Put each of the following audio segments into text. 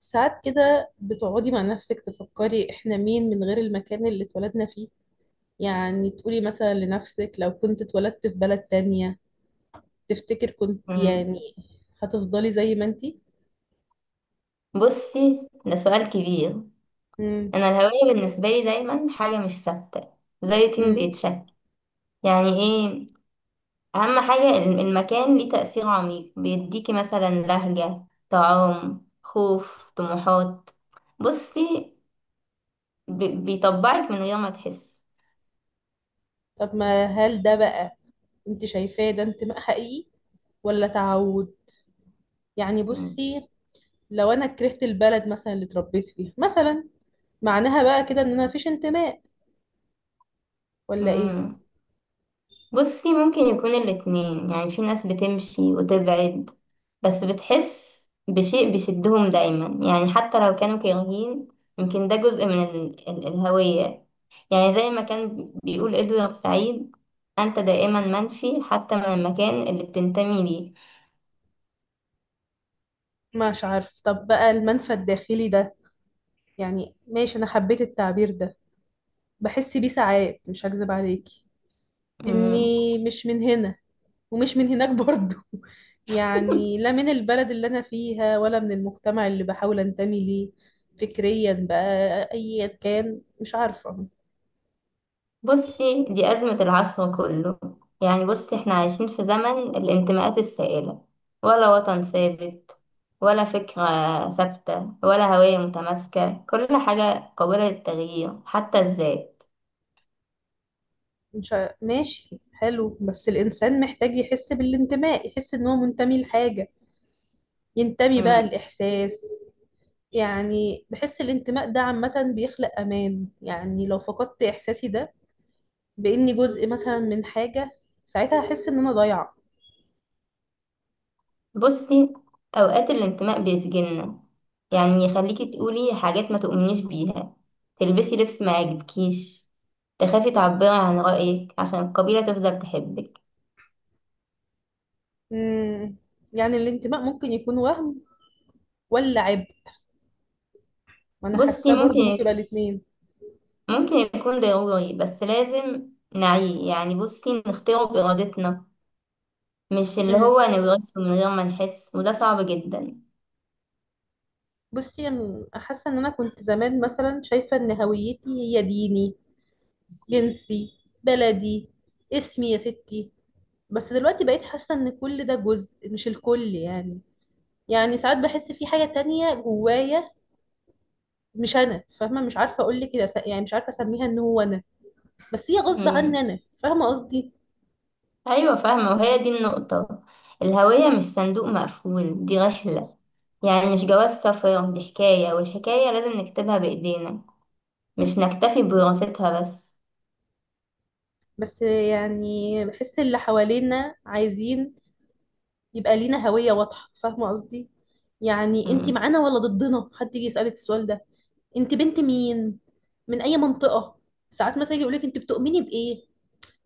ساعات كده بتقعدي مع نفسك تفكري احنا مين من غير المكان اللي اتولدنا فيه، يعني تقولي مثلا لنفسك لو كنت اتولدت في بلد تانية تفتكر كنت مم. يعني هتفضلي زي ما انتي. بصي ده سؤال كبير. مم. انا الهوية بالنسبة لي دايما حاجة مش ثابتة، زي طين مم. بيتشكل. يعني ايه؟ اهم حاجة المكان ليه تأثير عميق، بيديكي مثلا لهجة، طعام، خوف، طموحات. بصي، بيطبعك من غير ما تحس. طب ما هل ده بقى، انت شايفاه ده انتماء حقيقي ولا تعود؟ يعني مم. بصي، لو انا كرهت البلد مثلا اللي اتربيت فيها مثلا، معناها بقى كده ان انا مفيش انتماء ولا ايه؟ مم. بصي، ممكن يكون الاتنين. يعني في ناس بتمشي وتبعد، بس بتحس بشيء بيشدهم دايما، يعني حتى لو كانوا كارهين. يمكن ده جزء من ال الهوية. يعني زي ما كان بيقول إدوارد سعيد، أنت دائما منفي حتى من المكان اللي بتنتمي ليه. مش عارف، طب بقى المنفى الداخلي ده، يعني ماشي انا حبيت التعبير ده، بحس بيه ساعات مش هكذب عليكي مم. اني مش من هنا ومش من هناك برضو يعني لا من البلد اللي انا فيها ولا من المجتمع اللي بحاول انتمي ليه فكريا بقى، ايا كان مش عارفة. بصي، دي أزمة العصر كله. يعني بصي، احنا عايشين في زمن الانتماءات السائلة. ولا وطن ثابت، ولا فكرة ثابتة، ولا هوية متماسكة. كل حاجة قابلة للتغيير حتى الذات. مش ع... ماشي حلو، بس الانسان محتاج يحس بالانتماء، يحس ان هو منتمي لحاجة ينتمي بقى مم. الاحساس، يعني بحس الانتماء ده عامة بيخلق امان، يعني لو فقدت احساسي ده باني جزء مثلا من حاجه، ساعتها احس ان انا ضايعه. بصي، أوقات الانتماء بيسجننا. يعني يخليكي تقولي حاجات ما تؤمنيش بيها، تلبسي لبس ما يعجبكيش، تخافي تعبري عن رأيك عشان القبيلة تفضل تحبك. امم يعني الانتماء ممكن يكون وهم ولا عبء؟ وانا بصي حاساه برضو ممكن يبقى ممكن الاثنين. ممكن يكون ضروري، بس لازم نعيه. يعني بصي، نختاره بإرادتنا مش اللي امم هو نورثه من غير ما نحس، وده صعب جدا. بصي أنا حاسه ان انا كنت زمان مثلا شايفه ان هويتي هي ديني، جنسي، بلدي، اسمي يا ستي، بس دلوقتي بقيت حاسه ان كل ده جزء مش الكل يعني، يعني ساعات بحس في حاجه تانية جوايا، مش انا فاهمه، مش عارفه اقول لك كده، يعني مش عارفه اسميها ان هو انا، بس هي غصب مم. عني، انا فاهمه قصدي. أيوة فاهمة، وهي دي النقطة. الهوية مش صندوق مقفول، دي رحلة. يعني مش جواز سفر، دي حكاية، والحكاية لازم نكتبها بإيدينا، مش نكتفي بوراثتها بس. بس يعني بحس اللي حوالينا عايزين يبقى لينا هوية واضحة، فاهمة قصدي؟ يعني انتي مم. معانا ولا ضدنا، حد يجي يسألك السؤال ده، انتي بنت مين، من اي منطقة، ساعات مثلا يجي يقولك انتي بتؤمني بايه،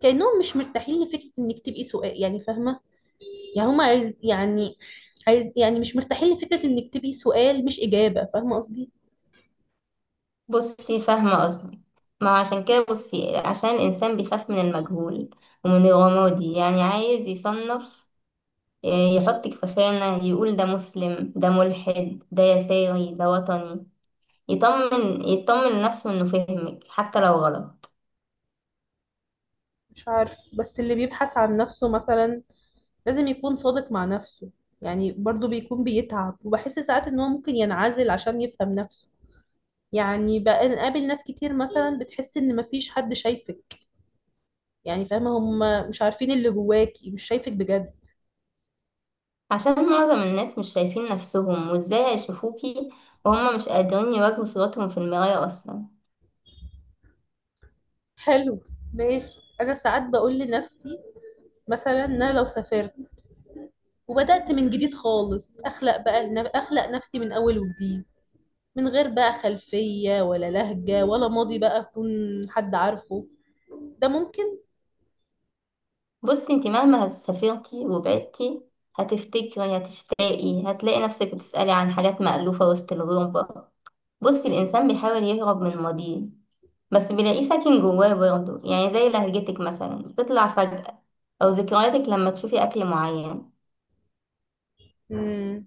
كأنهم مش مرتاحين لفكرة انك تبقي سؤال، يعني فاهمة؟ يعني هم عايز يعني، عايز يعني مش مرتاحين لفكرة انك تبقي سؤال مش إجابة، فاهمة قصدي؟ بصي فاهمة قصدي. ما عشان كده بصي، عشان الإنسان بيخاف من المجهول ومن الرمادي. يعني عايز يصنف، يحطك في خانة، يقول ده مسلم، ده ملحد، ده يساري، ده وطني. يطمن يطمن نفسه انه فهمك حتى لو غلط. مش عارف، بس اللي بيبحث عن نفسه مثلا لازم يكون صادق مع نفسه، يعني برضو بيكون بيتعب، وبحس ساعات ان هو ممكن ينعزل عشان يفهم نفسه. يعني بقى نقابل ناس كتير مثلا بتحس ان مفيش حد شايفك، يعني فاهمة، هم مش عارفين اللي جواكي، مش شايفك بجد. عشان معظم الناس مش شايفين نفسهم، وازاي هيشوفوكي وهم مش قادرين يواجهوا صورتهم في المراية اصلا؟ حلو، ماشي، انا ساعات بقول لنفسي مثلا ان انا لو سافرت وبدأت من جديد خالص، اخلق بقى اخلق نفسي من اول وجديد، من غير بقى خلفية ولا لهجة ولا ماضي بقى يكون حد عارفه، ده ممكن؟ بصي انت مهما سافرتي وبعدتي، هتفتكري، هتشتاقي، هتلاقي نفسك بتسألي عن حاجات مألوفة وسط الغربة. بصي الإنسان بيحاول يهرب من ماضيه، بس بيلاقيه ساكن جواه برضه. يعني زي لهجتك مثلا تطلع فجأة، أو ذكرياتك لما تشوفي أكل معين. مم.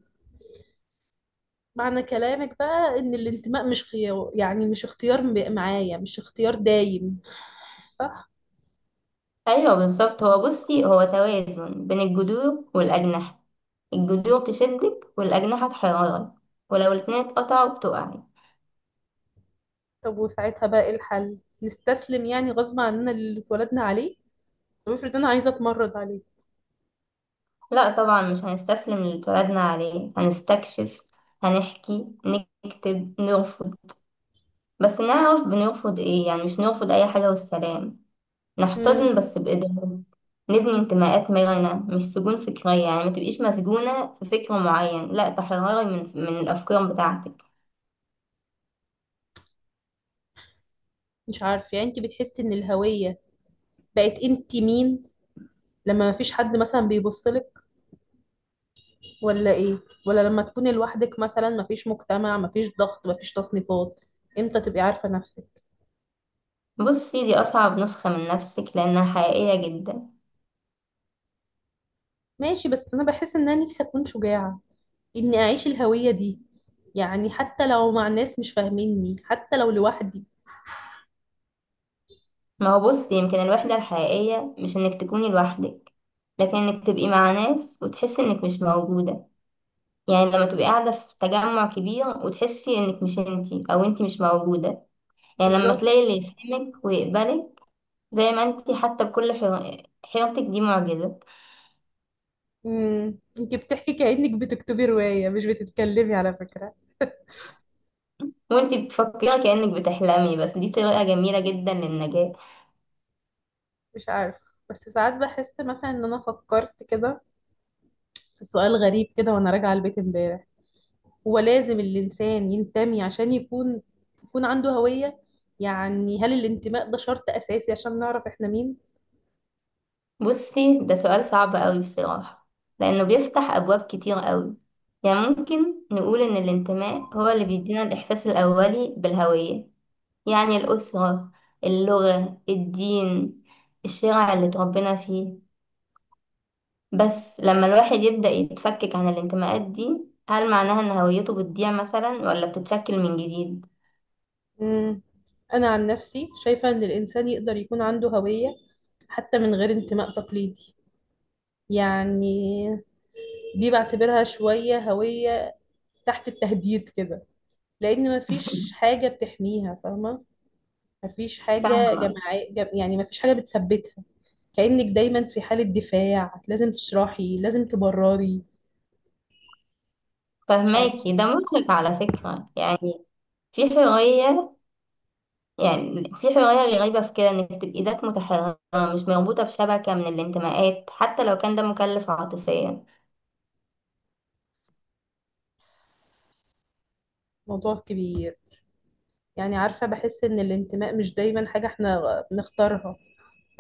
معنى كلامك بقى إن الانتماء مش خيار، يعني مش اختيار معايا، مش اختيار دايم، صح؟ أيوة بالظبط. هو بصي، هو توازن بين الجذور والأجنحة. الجذور تشدك والأجنحة تحيرك، ولو الاتنين اتقطعوا بتقعي. طب وساعتها بقى إيه الحل؟ نستسلم يعني غصب عننا اللي اتولدنا عليه؟ طب افرض أنا عايزة أتمرد عليه. لا طبعا، مش هنستسلم للي اتولدنا عليه، هنستكشف، هنحكي، نكتب، نرفض. بس نعرف بنرفض ايه، يعني مش نرفض أي حاجة والسلام. مم. نحتضن بس بإدراك، نبني انتماءات مرنة مش سجون فكرية. يعني ما تبقيش مسجونة في فكر معين، لا تحرري من الأفكار بتاعتك. مش عارفة، يعني أنت بتحسي إن الهوية بقت أنت مين لما مفيش حد مثلا بيبصلك ولا ايه؟ ولا لما تكوني لوحدك مثلا، مفيش مجتمع مفيش ضغط مفيش تصنيفات، امتى تبقي عارفة نفسك؟ بصي دي أصعب نسخة من نفسك لأنها حقيقية جدا. ماشي، بس انا بحس ان انا نفسي اكون شجاعة اني اعيش الهوية دي، يعني حتى لو مع ناس مش فاهميني، حتى لو لوحدي. ما هو بصي، يمكن الوحدة الحقيقية مش إنك تكوني لوحدك، لكن إنك تبقي مع ناس وتحسي إنك مش موجودة. يعني لما تبقي قاعدة في تجمع كبير وتحسي إنك مش إنتي، أو إنتي مش موجودة. يعني لما بالظبط. تلاقي اللي يفهمك ويقبلك، زي ما إنتي حتى بكل حيرتك، دي معجزة. امم، انت بتحكي كأنك بتكتبي رواية مش بتتكلمي على فكرة. وانتي بتفكري كأنك بتحلمي، بس دي طريقة جميلة جدا للنجاة. مش عارف، بس ساعات بحس مثلا ان انا فكرت كده في سؤال غريب كده وانا راجعة البيت امبارح، هو لازم الإنسان ينتمي عشان يكون، يكون عنده هوية؟ يعني هل الانتماء ده شرط أساسي عشان نعرف إحنا مين؟ بصي ده سؤال صعب قوي بصراحة، لأنه بيفتح أبواب كتير قوي. يعني ممكن نقول إن الانتماء هو اللي بيدينا الإحساس الأولي بالهوية. يعني الأسرة، اللغة، الدين، الشارع اللي اتربينا فيه. بس لما الواحد يبدأ يتفكك عن الانتماءات دي، هل معناها إن هويته بتضيع مثلا ولا بتتشكل من جديد؟ مم. أنا عن نفسي شايفة إن الإنسان يقدر يكون عنده هوية حتى من غير انتماء تقليدي، يعني دي بعتبرها شوية هوية تحت التهديد كده، لأن مفيش حاجة بتحميها، فاهمة؟ مفيش حاجة فاهمة. جماعية جم... يعني مفيش حاجة بتثبتها، كأنك دايما في حالة دفاع، لازم تشرحي لازم تبرري. مش عارفة، فهماكي ده مرهق على فكرة، يعني في حرية. يعني في حرية غريبة في كده، انك تبقي ذات متحررة مش مربوطة بشبكة من الانتماءات، حتى لو كان ده مكلف عاطفيا. موضوع كبير، يعني عارفة بحس إن الانتماء مش دايما حاجة احنا نختارها،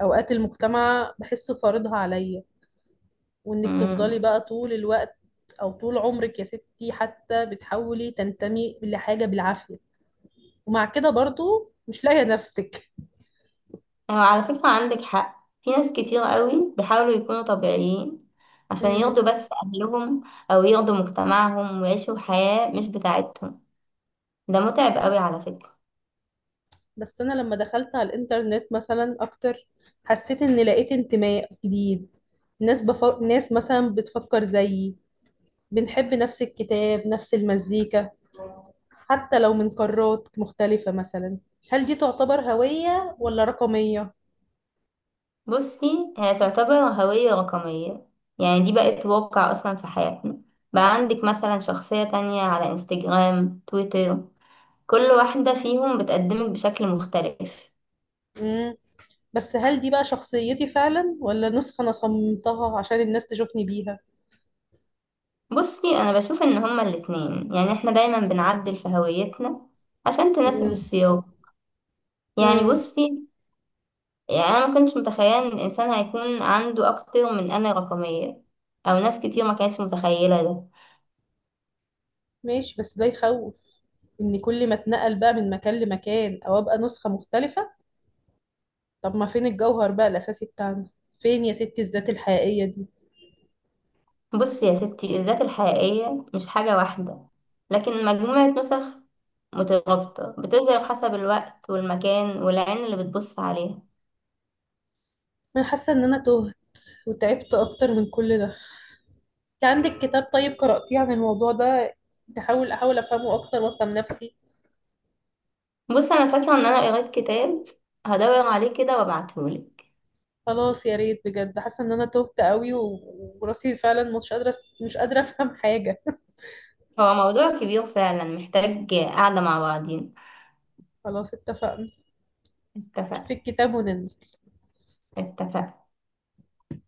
أوقات المجتمع بحسه فارضها عليا، وإنك تفضلي امم بقى طول الوقت أو طول عمرك يا ستي حتى بتحاولي تنتمي لحاجة بالعافية، ومع كده برضو مش لاقية نفسك. هو على فكرة عندك حق. في ناس كتير قوي بيحاولوا يكونوا طبيعيين عشان مم. يرضوا بس أهلهم، أو يرضوا مجتمعهم ويعيشوا حياة مش بتاعتهم. ده متعب قوي على فكرة. بس أنا لما دخلت على الإنترنت مثلا أكتر، حسيت إن لقيت انتماء جديد، ناس مثلا بتفكر زيي، بنحب نفس الكتاب نفس المزيكا، حتى لو من قارات مختلفة مثلا، هل دي تعتبر هوية ولا رقمية؟ بصي هي تعتبر هوية رقمية. يعني دي بقت واقع أصلا في حياتنا. بقى عندك مثلا شخصية تانية على انستجرام، تويتر، كل واحدة فيهم بتقدمك بشكل مختلف. مم. بس هل دي بقى شخصيتي فعلا ولا نسخة أنا صممتها عشان الناس تشوفني بيها؟ بصي أنا بشوف إن هما الاتنين، يعني احنا دايما بنعدل في هويتنا عشان تناسب مم. السياق. يعني مم. بصي. يعني أنا ما كنتش متخيلة إن الإنسان هيكون عنده أكتر من أنا رقمية، أو ناس كتير ما كانتش متخيلة ده. ماشي، بس ده يخوف إن كل ما اتنقل بقى من مكان لمكان أو أبقى نسخة مختلفة، طب ما فين الجوهر بقى الأساسي بتاعنا؟ فين يا ستي الذات الحقيقية دي؟ بص يا ستي، الذات الحقيقية مش حاجة واحدة، لكن مجموعة نسخ مترابطة بتظهر حسب الوقت والمكان والعين اللي بتبص عليها. أنا حاسة إن أنا تهت وتعبت أكتر من كل ده. أنت عندك كتاب طيب قرأتيه عن الموضوع ده، تحاول أحاول أفهمه أكتر وأفهم نفسي. بص، أنا فاكرة إن أنا قريت كتاب، هدور عليه كده وأبعتهولك. خلاص يا ريت بجد، حاسه ان انا تهت قوي وراسي فعلا مش قادره، مش قادره افهم حاجه هو موضوع كبير فعلا، محتاج قعدة مع بعضين. خلاص اتفقنا، اتفق. شوفي الكتاب وننزل. اتفق.